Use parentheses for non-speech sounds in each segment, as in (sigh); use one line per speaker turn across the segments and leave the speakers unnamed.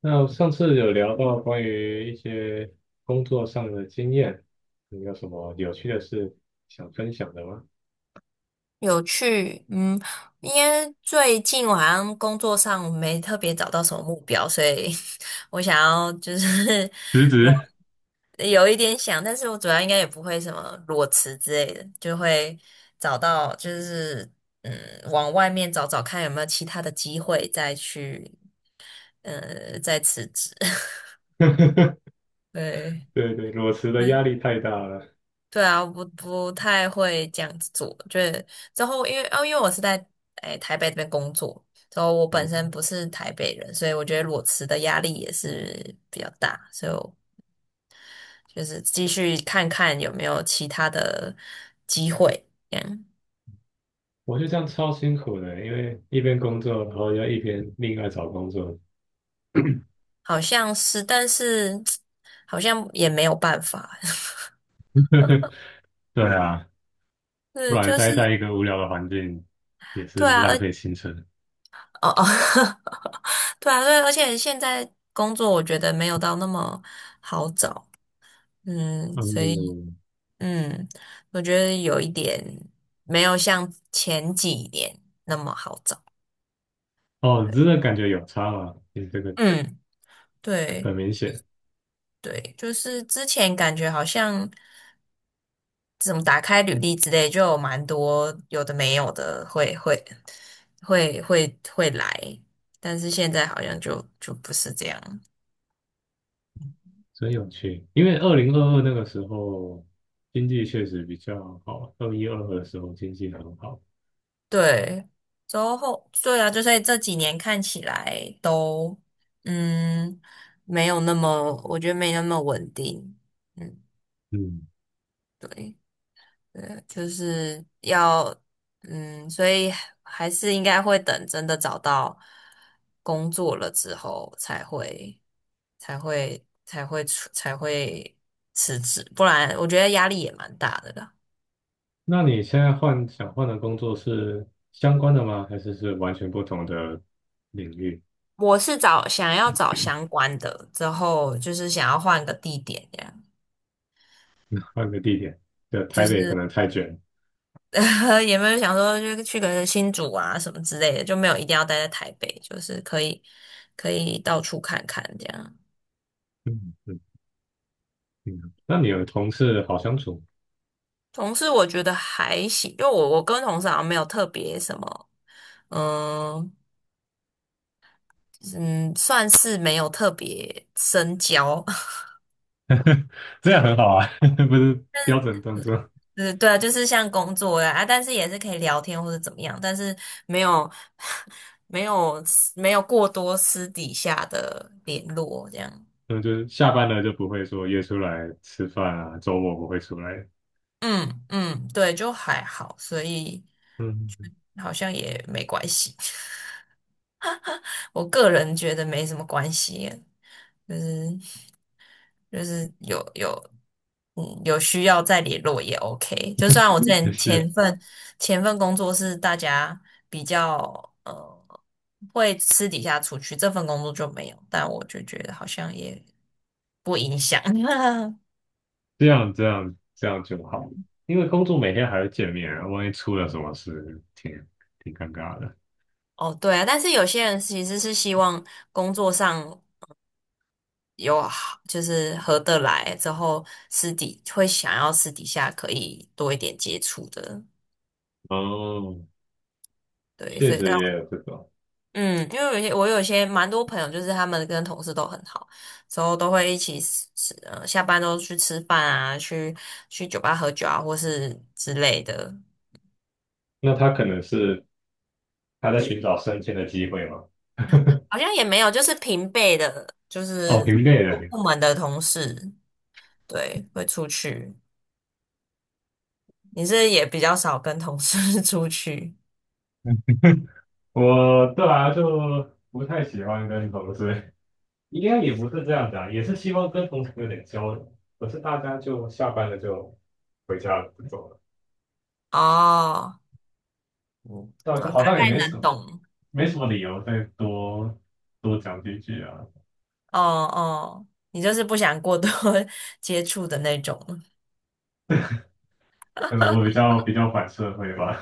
那上次有聊到关于一些工作上的经验，你有什么有趣的事想分享的吗？
有趣，因为最近我好像工作上没特别找到什么目标，所以 (laughs) 我想要就是
(laughs) 辞职，
(laughs) 有一点想，但是我主要应该也不会什么裸辞之类的，就会找到嗯，往外面找找看有没有其他的机会再去再辞职。(laughs)
(laughs)
对，
对对，裸辞的压力太大了。
对啊，不太会这样子做。就是之后，因为我是在台北这边工作，之后我本身
嗯，
不是台北人，所以我觉得裸辞的压力也是比较大，所以我就是继续看看有没有其他的机会。这样
我就这样超辛苦的，因为一边工作，然后要一边另外找工作。
好像是，但是 (tsk) 好像也没有办法。(laughs)
(laughs) 对啊，不
嗯，
然
就是
待在一个无聊的环境也是
对啊，
浪
而
费青春。
哦哦，(laughs) 对啊，对，而且现在工作我觉得没有到那么好找。嗯，所以。
嗯，
嗯，我觉得有一点没有像前几年那么好找。
哦，真的感觉有差吗？你这个
嗯，对
很明显。
对，就是之前感觉好像怎么打开履历之类，就有蛮多有的没有的会来，但是现在好像就不是这样。
真有趣，因为2022那个时候经济确实比较好，21、22的时候经济很好。
对，之后对啊，就所以这几年看起来都嗯没有那么，我觉得没那么稳定。嗯，
嗯，
对。就是要，所以还是应该会等真的找到工作了之后才会，才会，才会出，才会辞职，不然我觉得压力也蛮大的啦。
那你现在想换的工作是相关的吗？还是完全不同的领域？
我是想要找相关的，之后就是想要换个地点，这样
换个地点，对，
就
台北可
是
能太卷了。
(laughs) 也没有想说就去个新竹啊什么之类的，就没有一定要待在台北，就是可以到处看看这样。
嗯嗯嗯，那你的同事好相处？
同事我觉得还行，因为我跟同事好像没有特别什么，嗯嗯，算是没有特别深交，
(laughs) 这样很好啊，(laughs) 不是标准动作。
(laughs) 嗯，对啊，就是像工作呀啊，但是也是可以聊天或者怎么样，但是没有没有没有过多私底下的联络这样，
嗯，就是下班了就不会说约出来吃饭啊，周末不会出来。
嗯，对，就还好，所以
嗯，
好像也没关系，(laughs) 我个人觉得没什么关系，就是。就是有需要再联络也 OK。就算我之
也
前
是。
前份前份工作是大家比较呃会私底下出去，这份工作就没有，但我就觉得好像也 (laughs)
这样这样这样就好，因为工作每天还会见面，万一出了什么事，挺尴尬的。
哦对啊，但是有些人其实是希望工作上。有好就是合得来之后，会想要私底下可以多一点接触的，
哦，
对，
确
所以
实
但
也有这种。
嗯，因为我有些蛮多朋友，就是他们跟同事都很好，之后都会一起吃，下班都去吃饭啊，去酒吧喝酒啊，或是之类的。
那他可能是他在寻找升迁的机会嘛？
好像也没有，就是平辈的，就
哦，
是
平辈
同
的，
部门的同事，对，会出去。你是也比较少跟同事 (laughs) 出去
嗯我对啊，就不太喜欢跟同事，应该也不是这样讲，也是希望跟同事有点交流。可是大家就下班了就回家了，不走了，
哦，嗯，
那我
对
就
啊，
好
大
像也
概
没什
能
么
懂。
没什么理由再多多讲几句啊。
哦哦，你就是不想过多 (laughs) 接触的那种。
可能我比较反社会吧。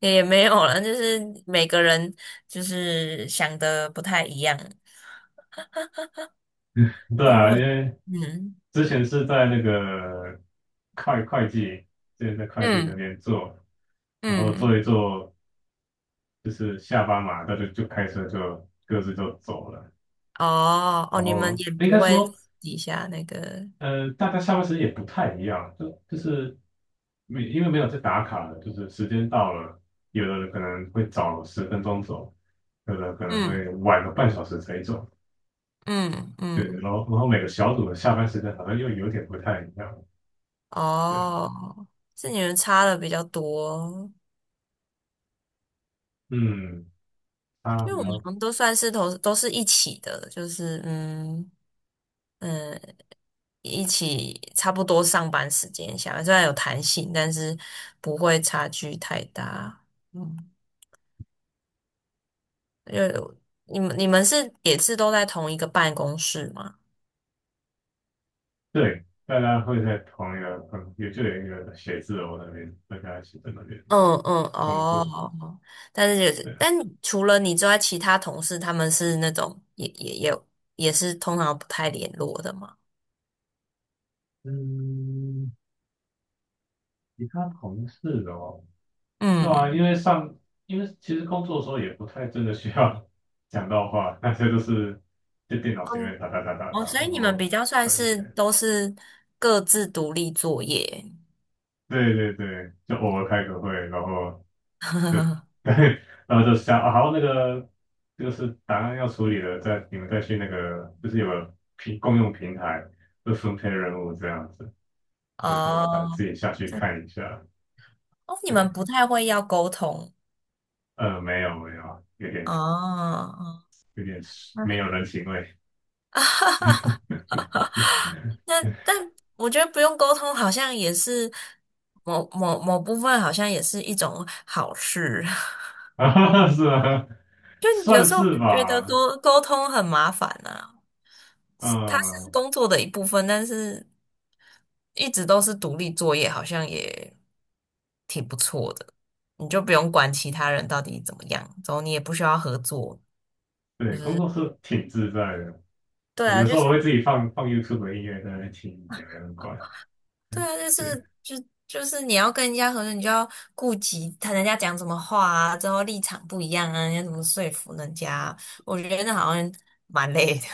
也没有了，就是每个人就是想的不太一样。
(laughs) 对
但如
啊，因
果
为
嗯
之前是在那个会计，之前在会计那
嗯
边做，然后做
嗯，
一做，就是下班嘛，大家就开车就各自就走了。
哦哦，
然
你们
后
也
应
不
该
会
说，
私底下那个，
大家下班时间也不太一样，就是没因为没有在打卡的就是时间到了，有的人可能会早10分钟走，有的可能会
嗯
晚个半小时才走。
嗯
对，
嗯，
然后每个小组的下班时间好像又有点不太一样。对啊。
哦，是你们差的比较多，
嗯，他
因为
比
我们
较
好像都算是都是一起的，嗯，一起差不多上班时间下，虽然有弹性，但是不会差距太大。嗯。呃，你们是也是都在同一个办公室吗？
对，大家会在同一个也就有一个写字楼那边，大家一起在那边
嗯嗯
工作。
哦，但是也
对
是，
啊。
但除了你之外，其他同事他们是那种也也是通常不太联络的嘛。
嗯，其他同事哦，对啊，
嗯，
因为其实工作的时候也不太真的需要 (laughs) 讲到话，那些都是在电脑前
嗯
面打打打打打，
哦，
然
所以你们比
后
较算
传音
是
乐。
都是各自独立作业。
对对对，就偶尔开个会，然后对，
(laughs)
(laughs) 然后就想，啊好，那个就是档案要处理了，你们再去那个，就是有个共用平台，就分配任务这样子，对对大家自
哦，
己下去
这
看一下，
哦，你们
对，
不太会要沟通
没有没有，有
哦，
点
哦
有点没有人情味。(laughs)
那但我觉得不用沟通，好像也是某部分，好像也是一种好事。(laughs)
啊，是啊，
就有
算
时候
是
觉得
吧。
沟通很麻烦啊，是它是
嗯，
工作的一部分，但是一直都是独立作业，好像也挺不错的。你就不用管其他人到底怎么样，然后你也不需要合作。
对，工作是挺自在的，
对啊，
有时候我会自己放放 YouTube 的音乐在那边听，也没人管，
对啊，就
(laughs) 对。
是就就是你要跟人家合作，你就要顾及人家讲什么话啊，之后立场不一样啊，你要怎么说服人家啊我觉得那好像蛮累的。(laughs)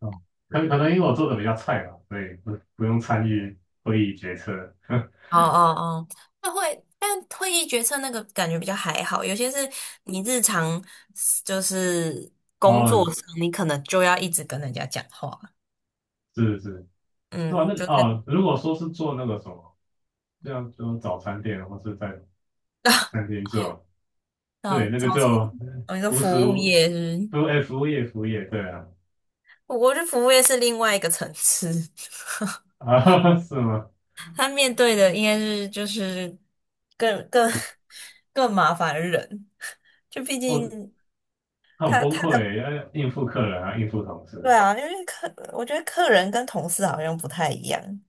嗯，可能因为我做的比较菜吧，所以不用参与会议决策。(laughs)
哦哦哦，那会，但会议决策那个感觉比较还好，有些是你日常就是工
哦，
作上，你可能就要一直跟人家讲话，
是是，是吧？
嗯，
那个
就是
哦，如果说是做那个什么，像样就早餐店或是在餐厅做，
到
对，那
到，
个就
我们说
无
服
时
务
无
业是不
都哎服务业服务业，对啊，
是我觉得服务业是另外一个层次。(laughs)
啊 (laughs) 是吗？
他面对的应该是就是更更 (laughs) 更麻烦的人，就毕
我
竟
很崩
他的
溃，要应付客人啊，应付同
对
事，
啊，因为我觉得客人跟同事好像不太一样，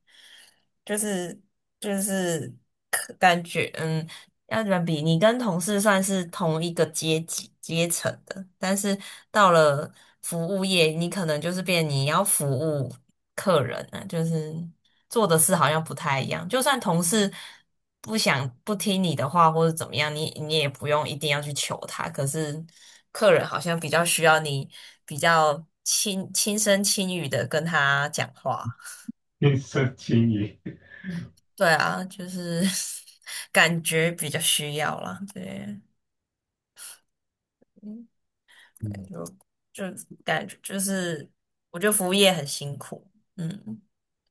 就是就是客感觉嗯。要怎么比？你跟同事算是同一个阶层的，但是到了服务业，你可能就是变你要服务客人啊，就是做的事好像不太一样。就算同事不听你的话，或者怎么样，你也不用一定要去求他。可是客人好像比较需要你比较轻声轻语的跟他讲话。
(laughs) 应身轻易。
对啊，就是 (laughs) 感觉比较需要啦，对。
嗯，
就就感觉就是，我觉得服务业很辛苦，嗯，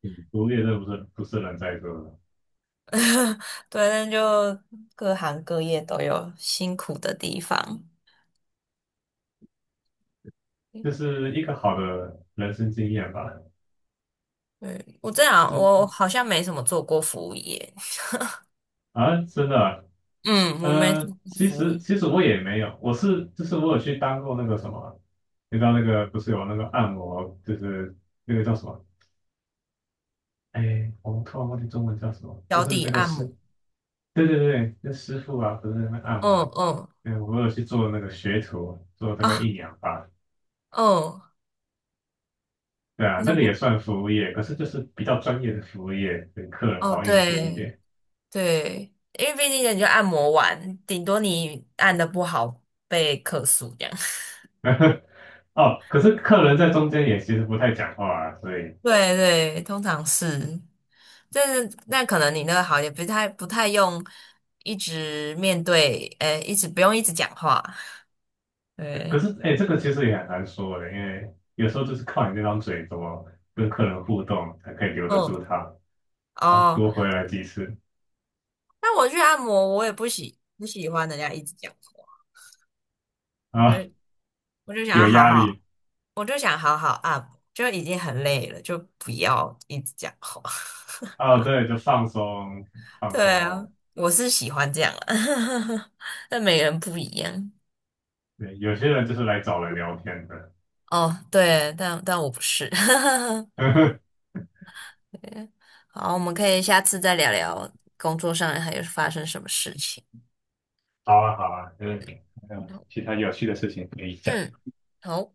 对服务业这不是不是人在做的，
(laughs) 对，那就各行各业都有辛苦的地方。
就是一个好的人生经验吧。
对我这样，我好像没什么做过服务业，
啊，真的啊。
嗯，我没做过
其
服务
实
业，
其实我也没有，我是就是我有去当过那个什么，你知道那个不是有那个按摩，就是那个叫什么？哎，我突然忘记中文叫什么，就
脚
是
底
那个
按摩，
师，对对对，那师傅啊，不是那个按
嗯
摩，
嗯
对，我有去做那个学徒，做大概
啊，
1年吧，
嗯，
对啊，
你
那
怎
个
么？
也算服务业，可是就是比较专业的服务业，对客人
哦，
好应付一点。
对，因为毕竟人家按摩完，顶多你按的不好被客诉这样。(laughs)
(laughs) 哦，可是客人在中间也其实不太讲话啊，所以
对对，通常是。就是那可能你那个好也不太用一直面对，一直不用一直讲话，
对，可
对，
是哎、这个其实也很难说的，因为有时候就是靠你那张嘴怎么跟客人互动才可以留得住
嗯，
他，他
哦，
多回来几次
那我去按摩，我也不喜欢人家一直讲话，我就
啊，
我就想要
有
好
压
好，
力
我就想好好按摩，就已经很累了，就不要一直讲话。
哦，对，就放松
(laughs)
放
对啊，
空，
我是喜欢这样啊，(laughs) 但每个人不一样。
对，有些人就是来找人聊天的，
哦，对，但我不是。(laughs)
(laughs)
好，我们可以下次再聊聊工作上还有发生什么事情。
好啊好啊，就还有
好
其他有趣的事情可以讲，
嗯，好。